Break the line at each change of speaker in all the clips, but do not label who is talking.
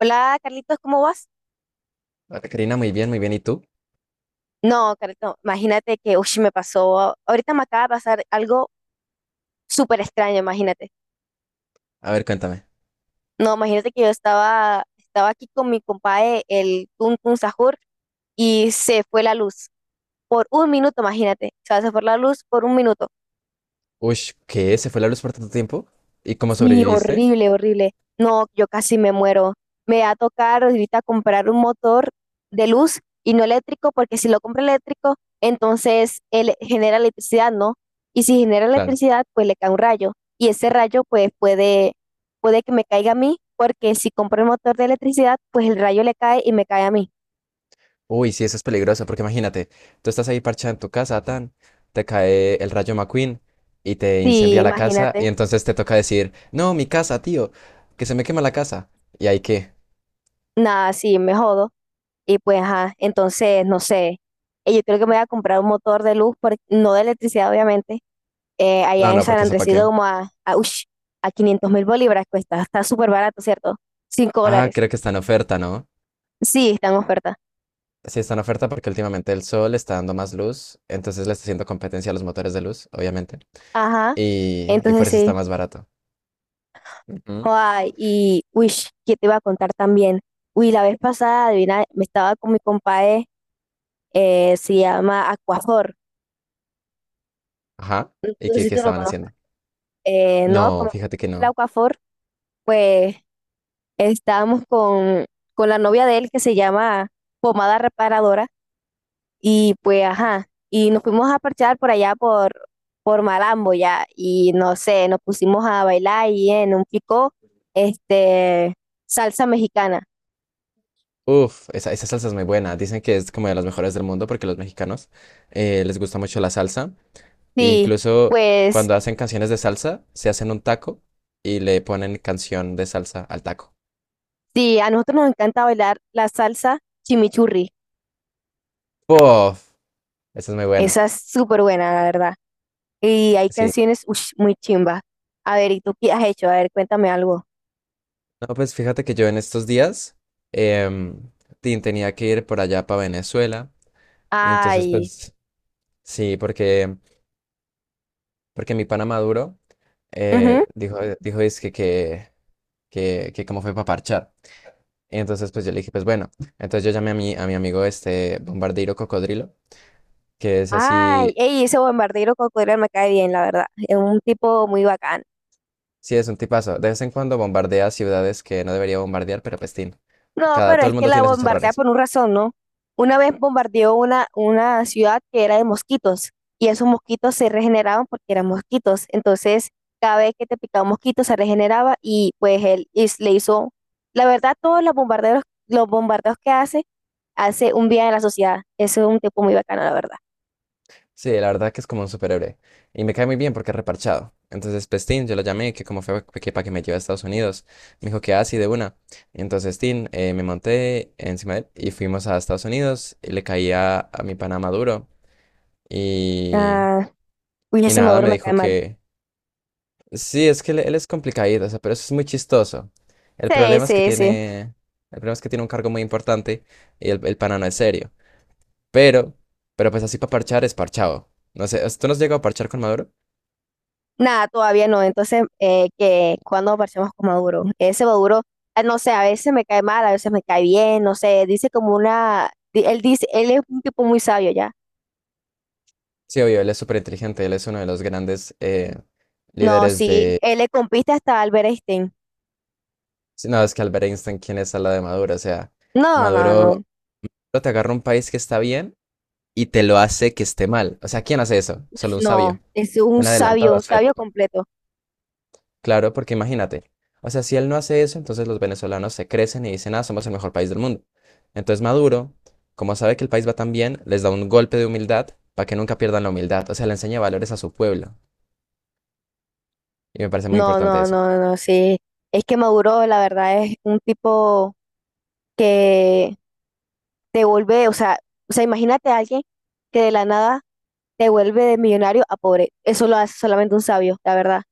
Hola Carlitos, ¿cómo vas?
Hola, Karina, muy bien, muy bien. ¿Y tú?
No, Carlitos, imagínate que, uy, me pasó, ahorita me acaba de pasar algo súper extraño, imagínate.
A ver, cuéntame.
No, imagínate que yo estaba aquí con mi compadre, el Tun Tun Sahur, y se fue la luz por un minuto, imagínate. O sea, se fue la luz por un minuto.
Uy, ¿qué? ¿Se fue la luz por tanto tiempo? ¿Y cómo
Sí,
sobreviviste?
horrible, horrible. No, yo casi me muero. Me va a tocar ahorita comprar un motor de luz y no eléctrico, porque si lo compro eléctrico, entonces él genera electricidad, ¿no? Y si genera
Claro.
electricidad, pues le cae un rayo. Y ese rayo, pues puede que me caiga a mí, porque si compro el motor de electricidad, pues el rayo le cae y me cae a mí.
Uy, sí, eso es peligroso, porque imagínate, tú estás ahí parchada en tu casa, tan, te cae el rayo McQueen y te
Sí,
incendia la casa, y
imagínate.
entonces te toca decir, no, mi casa, tío, que se me quema la casa. ¿Y ahí qué?
Nada, sí, me jodo. Y pues, ajá, entonces, no sé. Yo creo que me voy a comprar un motor de luz, no de electricidad, obviamente, allá
No,
en
no,
San
porque eso para
Andrés y
qué.
Domo a 500.000 bolívares cuesta. Está súper barato, ¿cierto? cinco
Ah,
dólares.
creo que está en oferta, ¿no?
Sí, está en oferta.
Sí, está en oferta porque últimamente el sol está dando más luz, entonces le está haciendo competencia a los motores de luz, obviamente,
Ajá,
y por
entonces
eso está
sí.
más barato. Ujú.
Joder, y, uy, ¿qué te iba a contar también? Uy, la vez pasada, adivina, me estaba con mi compadre, se llama Aquafor.
Ajá.
No,
¿Y
no sé
qué,
si
qué
tú lo
estaban
conozcas.
haciendo?
No,
No,
como
fíjate que
el
no.
Aquafor, pues estábamos con la novia de él que se llama Pomada Reparadora. Y pues, ajá, y nos fuimos a parchar por allá por Malambo ya, y no sé, nos pusimos a bailar y en un pico, este, salsa mexicana.
Uf, esa salsa es muy buena. Dicen que es como de las mejores del mundo porque los mexicanos les gusta mucho la salsa. E
Sí,
incluso
pues
cuando hacen canciones de salsa, se hacen un taco y le ponen canción de salsa al taco.
sí, a nosotros nos encanta bailar la salsa chimichurri,
Uf, esa es muy buena.
esa es súper buena, la verdad. Y hay
Sí.
canciones ush, muy chimba. A ver, ¿y tú qué has hecho? A ver, cuéntame algo.
No, pues fíjate que yo en estos días em, tenía que ir por allá para Venezuela. Y entonces,
Ay,
pues, sí, porque, porque mi pana Maduro
ujú.
dijo, dijo, es que que como fue para parchar. Entonces, pues yo le dije, pues bueno, entonces yo llamé a mi amigo este Bombardeiro Cocodrilo, que es
Ay,
así,
ey, ese bombardero cocodrilo me cae bien, la verdad. Es un tipo muy bacano.
sí, es un tipazo. De vez en cuando bombardea ciudades que no debería bombardear, pero pestín.
No,
Cada,
pero
todo
es
el
que
mundo
la
tiene sus
bombardea
errores.
por una razón, ¿no? Una vez bombardeó una ciudad que era de mosquitos y esos mosquitos se regeneraban porque eran mosquitos. Entonces, cada vez que te picaba un mosquito se regeneraba y pues él le hizo, la verdad, todos los bombardeos que hace, hace un bien a la sociedad. Eso es un tipo muy bacano, la verdad.
Sí, la verdad que es como un superhéroe. Y me cae muy bien porque es reparchado. Entonces, pestín, yo lo llamé, que como fue que para que me lleve a Estados Unidos. Me dijo que así de una. Y entonces, Tin, me monté encima de él y fuimos a Estados Unidos. Y le caía a mi pana Maduro. Y
Ah, uy,
y
ese
nada,
Maduro
me
me cae
dijo
mal.
que sí, es que él es complicadito, o sea, pero eso es muy chistoso. El
Sí,
problema es que
sí, sí.
tiene, el problema es que tiene un cargo muy importante y el pana no es serio. Pero, pero pues así para parchar es parchado. No sé, ¿tú no has llegado a parchar con Maduro?
Nada, todavía no. Entonces, que cuando aparecemos con Maduro, ese Maduro, no sé, a veces me cae mal, a veces me cae bien, no sé, dice como él dice, él es un tipo muy sabio ya.
Sí, obvio, él es súper inteligente, él es uno de los grandes
No,
líderes
sí,
de...
él le compite hasta Albert Einstein.
Sí, no, es que Albert Einstein, ¿quién es al lado de Maduro? O sea,
No, no, no,
Maduro Maduro te agarra un país que está bien y te lo hace que esté mal. O sea, ¿quién hace eso? Solo un
no,
sabio,
es
un adelantado a
un
su
sabio
época.
completo.
Claro, porque imagínate, o sea, si él no hace eso, entonces los venezolanos se crecen y dicen, ah, somos el mejor país del mundo. Entonces Maduro, como sabe que el país va tan bien, les da un golpe de humildad para que nunca pierdan la humildad, o sea, le enseña valores a su pueblo. Y me parece muy
No,
importante
no,
eso.
no, no, sí. Es que Maduro, la verdad, es un tipo que te vuelve, o sea, imagínate a alguien que de la nada te vuelve de millonario a pobre. Eso lo hace solamente un sabio, la verdad.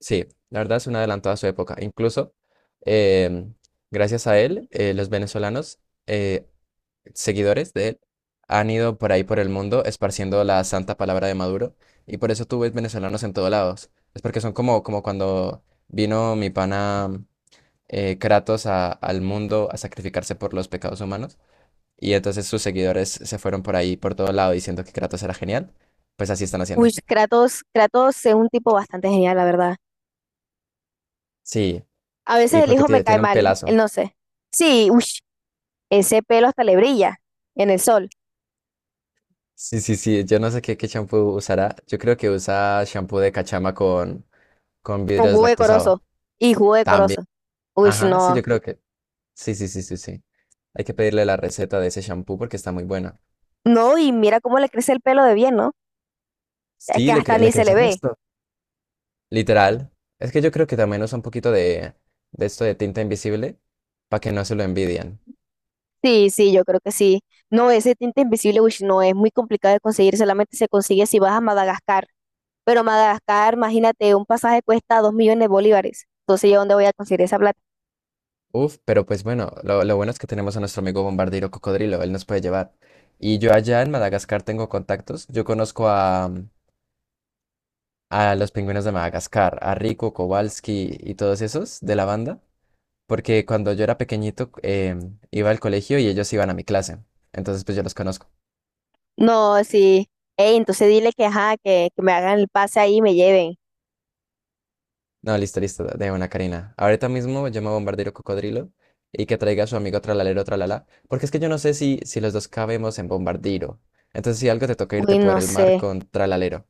Sí, la verdad es un adelantado a su época. Incluso, em, gracias a él, los venezolanos eh, seguidores de él han ido por ahí por el mundo esparciendo la santa palabra de Maduro y por eso tú ves venezolanos en todos lados. Es porque son como, como cuando vino mi pana Kratos al mundo a sacrificarse por los pecados humanos y entonces sus seguidores se fueron por ahí por todo lado diciendo que Kratos era genial. Pues así están haciendo.
Uy, Kratos, Kratos es un tipo bastante genial, la verdad.
Sí,
A veces
y
el
porque
hijo me
tiene,
cae
tiene un
mal, él
pelazo.
no sé. Sí, uy, ese pelo hasta le brilla en el sol,
Sí, sí, sí, yo no sé qué, qué champú usará. Yo creo que usa champú de cachama con
con
vidrio
jugo de
deslactosado.
corozo y jugo de
También.
corozo. Uy,
Ajá, sí,
no,
yo creo que. Sí, sí, sí, sí, sí. Hay que pedirle la receta de ese shampoo porque está muy buena.
no, y mira cómo le crece el pelo de bien, ¿no? Es que
Sí, le,
hasta ni
le
se
crece
le
el
ve.
resto. Literal. Es que yo creo que también usa un poquito de esto de tinta invisible para que no se lo envidian.
Sí, sí, yo creo que sí. No, ese tinte invisible, uy, no, es muy complicado de conseguir, solamente se consigue si vas a Madagascar. Pero Madagascar, imagínate, un pasaje cuesta 2 millones de bolívares. Entonces, ¿yo dónde voy a conseguir esa plata?
Uf, pero pues bueno, lo bueno es que tenemos a nuestro amigo bombardero cocodrilo, él nos puede llevar. Y yo allá en Madagascar tengo contactos. Yo conozco a los pingüinos de Madagascar, a Rico, Kowalski y todos esos de la banda. Porque cuando yo era pequeñito iba al colegio y ellos iban a mi clase. Entonces, pues yo los conozco.
No, sí. Ey, entonces dile que, ajá, que me hagan el pase ahí y me lleven.
No, listo, listo, de una, Karina. Ahorita mismo llamo a Bombardero Cocodrilo y que traiga a su amigo Tralalero Tralala, porque es que yo no sé si, si los dos cabemos en Bombardero. Entonces, si algo te toca
Uy,
irte por
no
el mar
sé.
con Tralalero.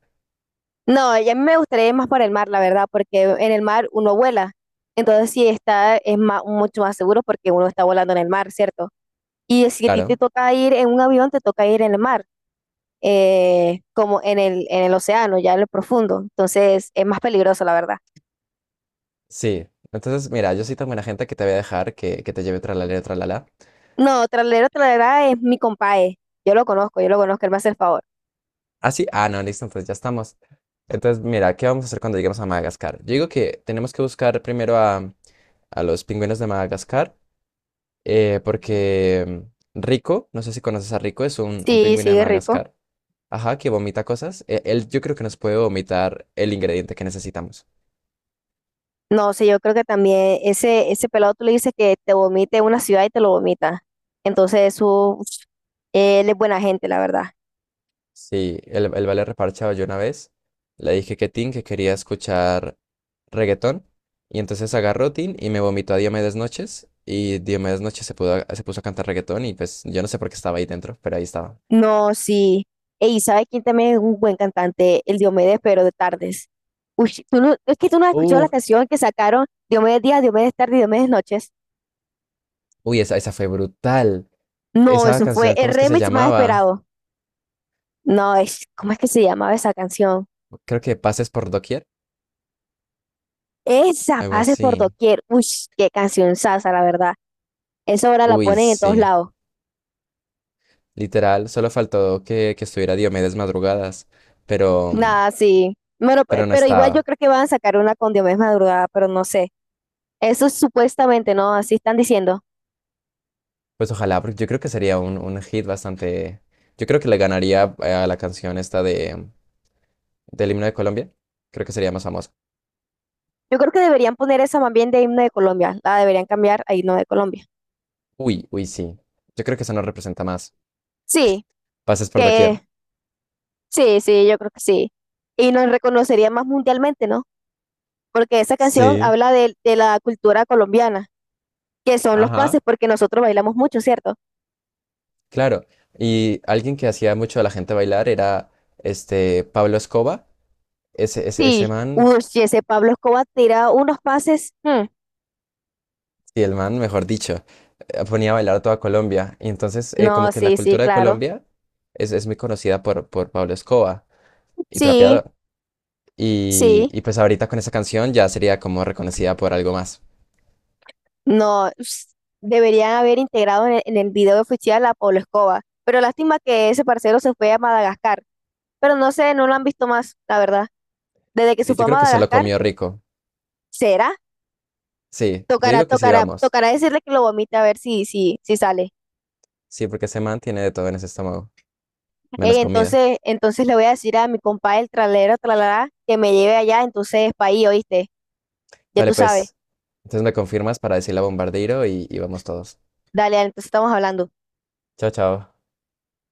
No, y a mí me gustaría ir más por el mar, la verdad, porque en el mar uno vuela. Entonces, sí está, es más, mucho más seguro porque uno está volando en el mar, ¿cierto? Y si a ti te
Claro,
toca ir en un avión, te toca ir en el mar, como en el océano, ya en lo profundo. Entonces, es más peligroso, la verdad.
sí. Entonces, mira, yo soy tan buena gente que te voy a dejar que te lleve Tralalero Tralala.
No, Tralero Tralera es mi compadre. Yo lo conozco, él me hace el favor.
Ah, sí, ah, no, listo, entonces ya estamos. Entonces, mira, ¿qué vamos a hacer cuando lleguemos a Madagascar? Yo digo que tenemos que buscar primero a los pingüinos de Madagascar, porque mm, Rico, no sé si conoces a Rico, es un
Sí, sí,
pingüino de
es rico.
Madagascar, ajá, que vomita cosas. Él yo creo que nos puede vomitar el ingrediente que necesitamos.
No, sí, yo creo que también ese pelado tú le dices que te vomite en una ciudad y te lo vomita. Entonces, eso, uf, él es buena gente, la verdad.
Sí, el vale reparchado yo una vez, le dije que Tin, que quería escuchar reggaetón, y entonces agarró Tin y me vomitó a Diomedes Noches, y Diomedes Noches se pudo, se puso a cantar reggaetón, y pues yo no sé por qué estaba ahí dentro, pero ahí estaba.
No, sí. Y ¿sabes quién también es un buen cantante? El Diomedes, pero de tardes. Uy, tú no- es que tú no has escuchado la
Uf,
canción que sacaron Diomedes Días, Diomedes Tarde y Diomedes Noches.
uy, esa fue brutal.
No,
Esa
eso fue
canción,
el
¿cómo es que se
remix más
llamaba?
esperado. No, ¿cómo es que se llamaba esa canción?
Creo que Pases por Doquier,
Esa,
algo
pase por
así.
doquier. Uy, qué canción sasa, la verdad. Esa ahora la
Uy,
ponen en todos
sí.
lados.
Literal, solo faltó que estuviera Diomedes Madrugadas, pero,
Nada, sí. Bueno,
pero no
pero igual yo
estaba.
creo que van a sacar una con Diomedes Madrugada, pero no sé. Eso es supuestamente, ¿no? Así están diciendo.
Pues ojalá, porque yo creo que sería un hit bastante. Yo creo que le ganaría a la canción esta de, del himno de Colombia. Creo que sería más famosa.
Yo creo que deberían poner esa más bien de himno de Colombia. La deberían cambiar a himno de Colombia.
Uy, uy, sí. Yo creo que eso nos representa más.
Sí,
Pases por Doquier.
que sí, sí, yo creo que sí. Y nos reconocería más mundialmente, ¿no? Porque esa canción
Sí.
habla de la cultura colombiana, que son los pases,
Ajá.
porque nosotros bailamos mucho, ¿cierto?
Claro, y alguien que hacía mucho a la gente bailar era este Pablo Escoba, ese
Sí,
man,
uy, sí, ese Pablo Escobar tira unos pases. Mm,
y el man, mejor dicho, ponía a bailar a toda Colombia. Y entonces, como
no,
que la
sí, sí,
cultura de
claro.
Colombia es muy conocida por Pablo Escoba y
Sí,
Trapeador.
sí.
Y pues ahorita con esa canción ya sería como reconocida por algo más.
No, ps, deberían haber integrado en el video oficial a Pablo Escobar. Pero lástima que ese parcero se fue a Madagascar. Pero no sé, no lo han visto más, la verdad. Desde que se
Sí,
fue
yo
a
creo que se lo
Madagascar,
comió rico.
¿será?
Sí, yo
Tocará,
digo que sí,
tocará,
vamos.
tocará decirle que lo vomite a ver si sale.
Sí, porque ese man tiene de todo en ese estómago,
Ey,
menos comida.
entonces, entonces le voy a decir a mi compa el tralero, tralará, que me lleve allá, entonces, pa país, ¿oíste? Ya tú
Dale,
sabes.
pues. Entonces me confirmas para decirle a Bombardeiro y vamos todos.
Dale, entonces estamos hablando.
Chao, chao.